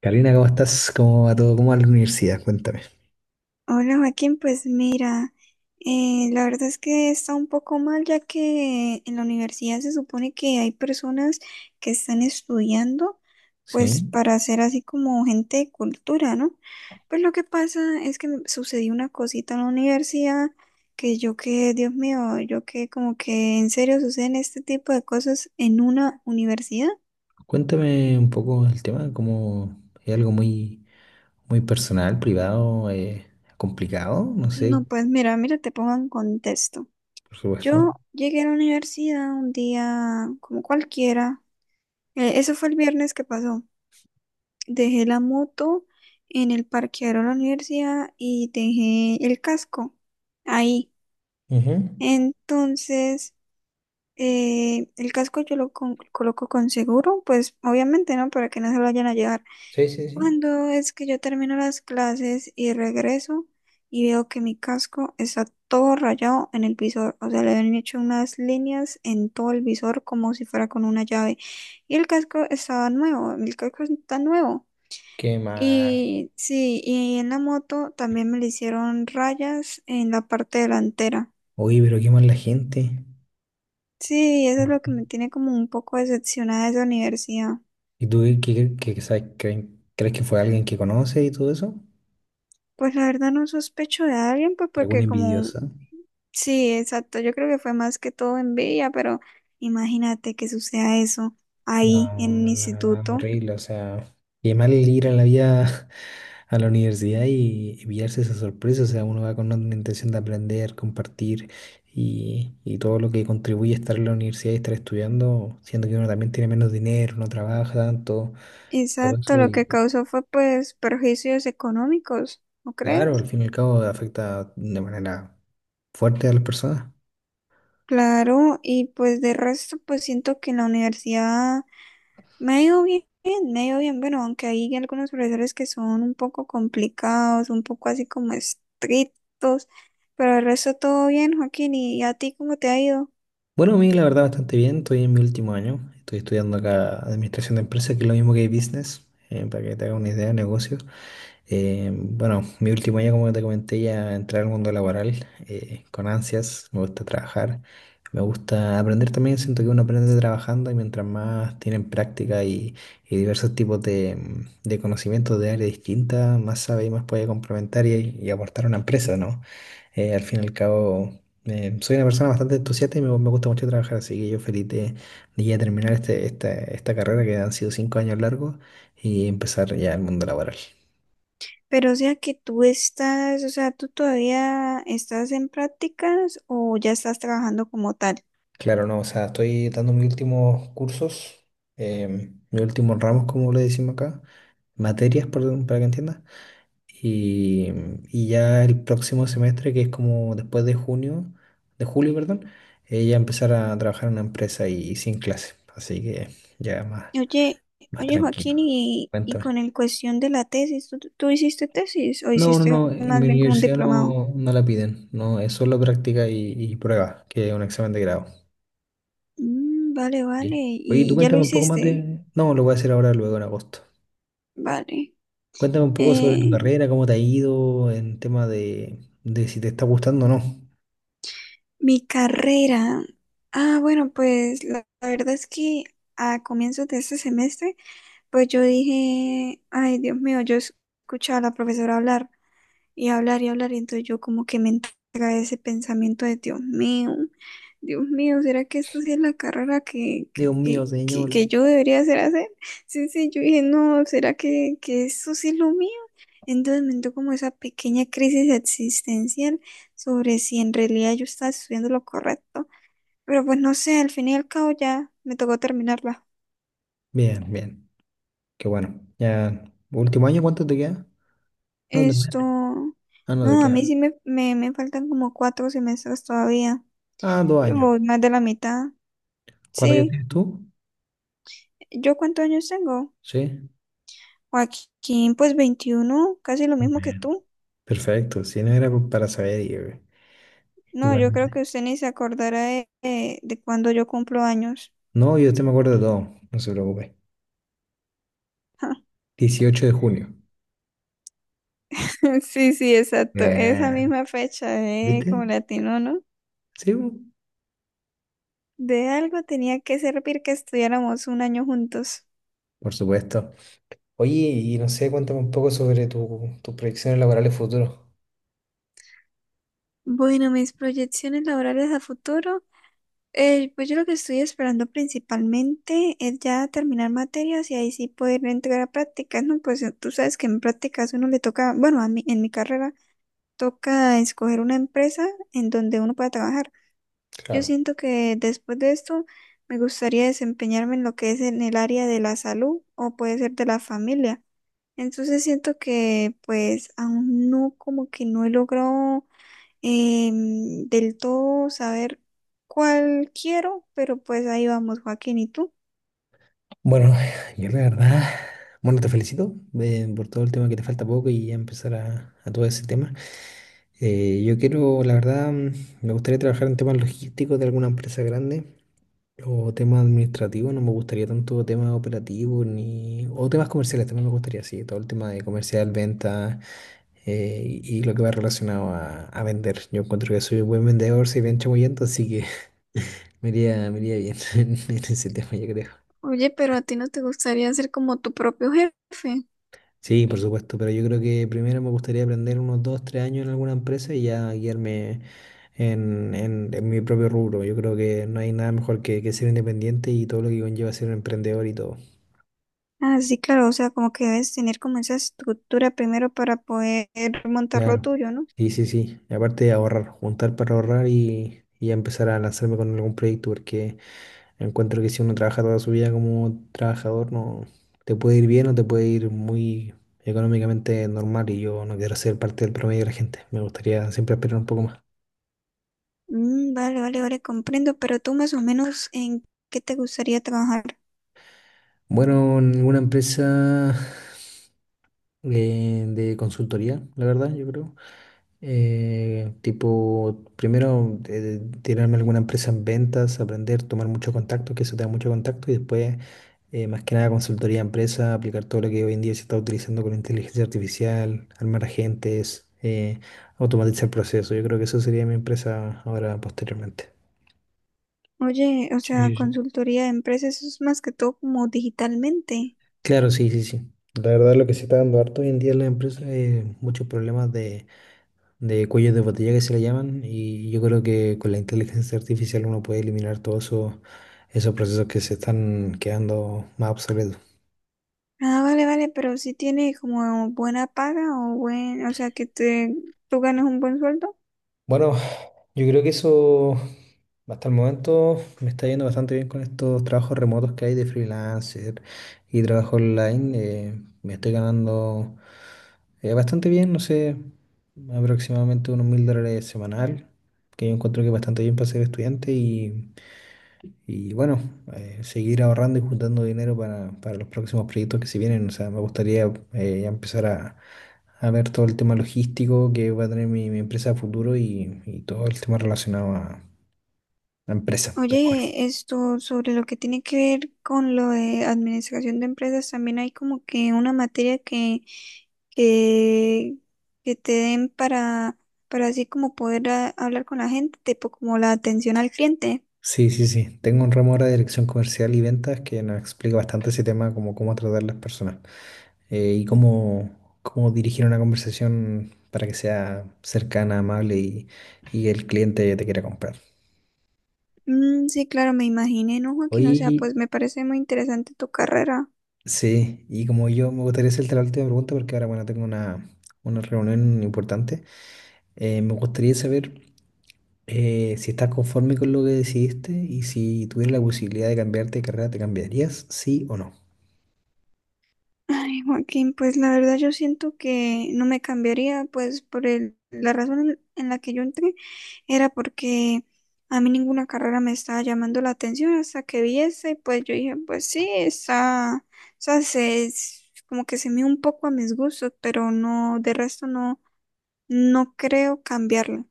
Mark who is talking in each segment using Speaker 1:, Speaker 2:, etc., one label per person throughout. Speaker 1: Karina, ¿cómo estás? ¿Cómo va todo? ¿Cómo va la universidad? Cuéntame.
Speaker 2: Hola Joaquín, pues mira, la verdad es que está un poco mal ya que en la universidad se supone que hay personas que están estudiando pues
Speaker 1: Sí,
Speaker 2: para ser así como gente de cultura, ¿no? Pues lo que pasa es que me sucedió una cosita en la universidad que Dios mío, yo que como que en serio suceden este tipo de cosas en una universidad.
Speaker 1: cuéntame un poco el tema, como es algo muy, muy personal, privado, complicado, no sé,
Speaker 2: No, pues mira, mira, te pongo en contexto.
Speaker 1: por supuesto.
Speaker 2: Yo llegué a la universidad un día como cualquiera. Eso fue el viernes que pasó. Dejé la moto en el parqueadero de la universidad y dejé el casco ahí.
Speaker 1: Ujú.
Speaker 2: Entonces, el casco yo lo coloco con seguro, pues obviamente, ¿no? Para que no se lo vayan a llevar.
Speaker 1: Sí, sí, sí.
Speaker 2: Cuando es que yo termino las clases y regreso y veo que mi casco está todo rayado en el visor, o sea, le habían hecho unas líneas en todo el visor como si fuera con una llave. Y el casco estaba nuevo, el casco está nuevo.
Speaker 1: Qué mal.
Speaker 2: Y sí, y en la moto también me le hicieron rayas en la parte delantera.
Speaker 1: Oye, pero qué mal la gente.
Speaker 2: Sí, eso es lo que me tiene como un poco decepcionada de esa universidad.
Speaker 1: ¿Y tú qué, qué sabes? ¿Crees que fue alguien que conoce y todo eso?
Speaker 2: Pues la verdad no sospecho de alguien, pues
Speaker 1: ¿Alguna
Speaker 2: porque como.
Speaker 1: envidiosa?
Speaker 2: Sí, exacto. Yo creo que fue más que todo envidia, pero imagínate que suceda eso
Speaker 1: No,
Speaker 2: ahí en un
Speaker 1: la verdad,
Speaker 2: instituto.
Speaker 1: horrible. O sea, qué mal ir a la vida a la universidad y pillarse esa sorpresa. O sea, uno va con una intención de aprender, compartir y todo lo que contribuye a estar en la universidad y estar estudiando, siendo que uno también tiene menos dinero, no trabaja tanto, todo
Speaker 2: Exacto,
Speaker 1: eso.
Speaker 2: lo
Speaker 1: Y
Speaker 2: que causó fue pues perjuicios económicos, ¿no
Speaker 1: claro, al
Speaker 2: crees?
Speaker 1: fin y al cabo afecta de manera fuerte a las personas.
Speaker 2: Claro, y pues de resto pues siento que en la universidad me ha ido bien, me ha ido bien, bueno, aunque hay algunos profesores que son un poco complicados, un poco así como estrictos, pero el resto todo bien, Joaquín, ¿y a ti cómo te ha ido?
Speaker 1: Bueno, a mí la verdad bastante bien, estoy en mi último año, estoy estudiando acá Administración de Empresas, que es lo mismo que Business, para que te haga una idea de negocio. Bueno, mi último año, como te comenté, ya entré al mundo laboral con ansias, me gusta trabajar, me gusta aprender también, siento que uno aprende trabajando y mientras más tienen práctica y diversos tipos de conocimientos de áreas distintas, más sabe y más puede complementar y aportar a una empresa, ¿no? Al fin y al cabo, soy una persona bastante entusiasta y me gusta mucho trabajar, así que yo feliz de ya terminar esta carrera que han sido 5 años largos y empezar ya el mundo laboral.
Speaker 2: Pero o sea que tú estás, o sea, tú todavía estás en prácticas o ya estás trabajando como tal.
Speaker 1: Claro, no, o sea, estoy dando mis últimos cursos, mis últimos ramos, como le decimos acá, materias, perdón, para que entiendas. Y, y ya el próximo semestre, que es como después de junio, de julio, perdón, ya empezar a trabajar en una empresa y sin clases. Así que ya más,
Speaker 2: Oye,
Speaker 1: más
Speaker 2: oye Joaquín,
Speaker 1: tranquilo.
Speaker 2: y
Speaker 1: Cuéntame.
Speaker 2: con el cuestión de la tesis, ¿tú hiciste tesis o hiciste
Speaker 1: No, en mi
Speaker 2: más bien como un
Speaker 1: universidad
Speaker 2: diplomado?
Speaker 1: no, no la piden, no, es solo práctica y prueba, que es un examen de grado.
Speaker 2: Mm, vale, vale,
Speaker 1: Sí. Oye, tú
Speaker 2: y ya lo
Speaker 1: cuéntame un poco más
Speaker 2: hiciste.
Speaker 1: de... No, lo voy a hacer ahora, luego en agosto.
Speaker 2: Vale.
Speaker 1: Cuéntame un poco sobre tu
Speaker 2: Eh,
Speaker 1: carrera, cómo te ha ido en tema de si te está gustando o no.
Speaker 2: mi carrera. Ah, bueno, pues la verdad es que a comienzos de este semestre, pues yo dije, ay, Dios mío, yo escuchaba a la profesora hablar y hablar y hablar, y entonces yo como que me entra ese pensamiento de Dios mío, ¿será que esta sí es la carrera que,
Speaker 1: Dios mío,
Speaker 2: que, que,
Speaker 1: señor.
Speaker 2: que yo debería hacer? Sí, sí, yo dije, no, ¿será que eso sí es lo mío? Entonces me entró como esa pequeña crisis existencial sobre si en realidad yo estaba estudiando lo correcto. Pero pues no sé, al fin y al cabo ya me tocó terminarla.
Speaker 1: Bien, bien. Qué bueno. Ya, último año, ¿cuánto te queda? No te
Speaker 2: Esto,
Speaker 1: metes. Ah, no te
Speaker 2: no, a mí
Speaker 1: queda.
Speaker 2: sí me faltan como 4 semestres todavía,
Speaker 1: Ah, dos
Speaker 2: pero
Speaker 1: años.
Speaker 2: voy más de la mitad.
Speaker 1: ¿Cuántos años
Speaker 2: Sí,
Speaker 1: tienes tú?
Speaker 2: ¿yo cuántos años tengo?
Speaker 1: Sí.
Speaker 2: Joaquín, pues 21, casi lo mismo que
Speaker 1: Bien.
Speaker 2: tú.
Speaker 1: Perfecto. Si no era para saber,
Speaker 2: No, yo creo
Speaker 1: igualmente.
Speaker 2: que usted ni se acordará de, de cuando yo cumplo años.
Speaker 1: No, yo te me acuerdo de todo. No se preocupe. 18 de junio.
Speaker 2: Sí, sí, exacto. Esa
Speaker 1: Bien.
Speaker 2: misma fecha,
Speaker 1: ¿Viste?
Speaker 2: como latino, ¿no?
Speaker 1: Sí, bu,
Speaker 2: De algo tenía que servir que estuviéramos un año juntos.
Speaker 1: por supuesto. Oye, y no sé, cuéntame un poco sobre tus proyecciones laborales futuras.
Speaker 2: Bueno, mis proyecciones laborales a futuro. Pues yo lo que estoy esperando principalmente es ya terminar materias y ahí sí poder entrar a prácticas, ¿no? Pues tú sabes que en prácticas uno le toca, bueno, a mí, en mi carrera toca escoger una empresa en donde uno pueda trabajar. Yo
Speaker 1: Claro.
Speaker 2: siento que después de esto me gustaría desempeñarme en lo que es en el área de la salud o puede ser de la familia. Entonces siento que pues aún no como que no he logrado del todo saber cuál quiero, pero pues ahí vamos, Joaquín, ¿y tú?
Speaker 1: Bueno, yo la verdad, bueno, te felicito por todo el tema que te falta poco y ya empezar a todo ese tema. Yo quiero, la verdad, me gustaría trabajar en temas logísticos de alguna empresa grande o temas administrativos, no me gustaría tanto temas operativos ni, o temas comerciales, también me gustaría, sí, todo el tema de comercial, ventas y lo que va relacionado a vender. Yo encuentro que soy un buen vendedor, soy bien chamullento, así que me iría bien en ese tema, yo creo.
Speaker 2: Oye, pero a ti no te gustaría ser como tu propio jefe.
Speaker 1: Sí, por supuesto, pero yo creo que primero me gustaría aprender unos dos, tres años en alguna empresa y ya guiarme en mi propio rubro. Yo creo que no hay nada mejor que ser independiente y todo lo que conlleva ser un emprendedor y todo.
Speaker 2: Ah, sí, claro, o sea, como que debes tener como esa estructura primero para poder montar lo
Speaker 1: Claro,
Speaker 2: tuyo, ¿no?
Speaker 1: sí, sí, sí. Y aparte de ahorrar, juntar para ahorrar y ya empezar a lanzarme con algún proyecto, porque encuentro que si uno trabaja toda su vida como trabajador, no te puede ir bien o te puede ir muy económicamente normal y yo no quiero ser parte del promedio de la gente. Me gustaría siempre esperar un poco más.
Speaker 2: Mm, vale, vale, vale, comprendo, pero tú más o menos en qué te gustaría trabajar.
Speaker 1: Bueno, en alguna empresa de consultoría, la verdad, yo creo. Tipo, primero tirarme a alguna empresa en ventas, aprender, tomar mucho contacto, que eso te da mucho contacto, y después, más que nada, consultoría a empresa, aplicar todo lo que hoy en día se está utilizando con inteligencia artificial, armar agentes, automatizar procesos. Yo creo que eso sería mi empresa ahora posteriormente.
Speaker 2: Oye, o
Speaker 1: Sí,
Speaker 2: sea,
Speaker 1: sí, sí.
Speaker 2: consultoría de empresas, eso es más que todo como digitalmente.
Speaker 1: Claro, sí, sí, sí. La verdad, lo que se está dando harto hoy en día en las empresas es muchos problemas de cuellos de botella que se le llaman, y yo creo que con la inteligencia artificial uno puede eliminar todos esos, esos procesos que se están quedando más obsoletos.
Speaker 2: Ah, vale, vale, pero si tiene como buena paga o buen, o sea, que te, tú ganas un buen sueldo.
Speaker 1: Bueno, yo creo que eso hasta el momento me está yendo bastante bien con estos trabajos remotos que hay de freelancer y trabajo online. Me estoy ganando bastante bien, no sé, aproximadamente unos $1.000 semanal, que yo encuentro que es bastante bien para ser estudiante y Y bueno, seguir ahorrando y juntando dinero para los próximos proyectos que se vienen. O sea, me gustaría ya empezar a ver todo el tema logístico que va a tener mi empresa a futuro y todo el tema relacionado a la empresa. Pero bueno,
Speaker 2: Oye, esto sobre lo que tiene que ver con lo de administración de empresas, también hay como que una materia que, que te den para así como poder hablar con la gente, tipo como la atención al cliente.
Speaker 1: sí, sí, sí. Tengo un ramo ahora de dirección comercial y ventas que nos explica bastante ese tema, como cómo tratar las personas eh, y cómo, cómo dirigir una conversación para que sea cercana, amable y el cliente te quiera comprar.
Speaker 2: Mm, sí, claro, me imaginé, ¿no, Joaquín? O sea, pues
Speaker 1: Hoy.
Speaker 2: me parece muy interesante tu carrera.
Speaker 1: Sí, y como yo me gustaría hacerte la última pregunta porque ahora, bueno, tengo una reunión importante. Me gustaría saber si estás conforme con lo que decidiste y si tuvieras la posibilidad de cambiarte de carrera, ¿te cambiarías? ¿Sí o no?
Speaker 2: Ay, Joaquín, pues la verdad yo siento que no me cambiaría, pues por el, la razón en la que yo entré era porque a mí ninguna carrera me estaba llamando la atención hasta que vi esa y pues yo dije, pues sí, está, o sea, se, es como que se me un poco a mis gustos, pero no, de resto no, no creo cambiarla.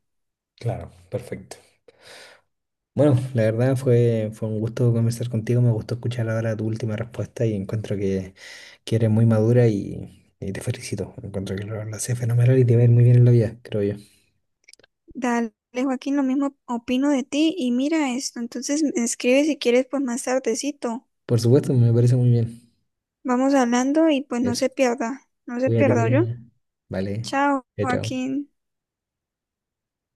Speaker 1: Claro, perfecto. Bueno, la verdad fue un gusto conversar contigo, me gustó escuchar ahora tu última respuesta y encuentro que eres muy madura y te felicito. Encuentro que lo haces fenomenal y te va a ir muy bien en la vida, creo yo.
Speaker 2: Dale, Joaquín, lo mismo opino de ti y mira esto, entonces me escribe si quieres pues más tardecito.
Speaker 1: Por supuesto, me parece muy bien
Speaker 2: Vamos hablando y pues no
Speaker 1: eso.
Speaker 2: se pierda, no se
Speaker 1: Cuídate,
Speaker 2: pierda yo.
Speaker 1: Karina. Vale.
Speaker 2: Chao,
Speaker 1: Ya, chao.
Speaker 2: Joaquín.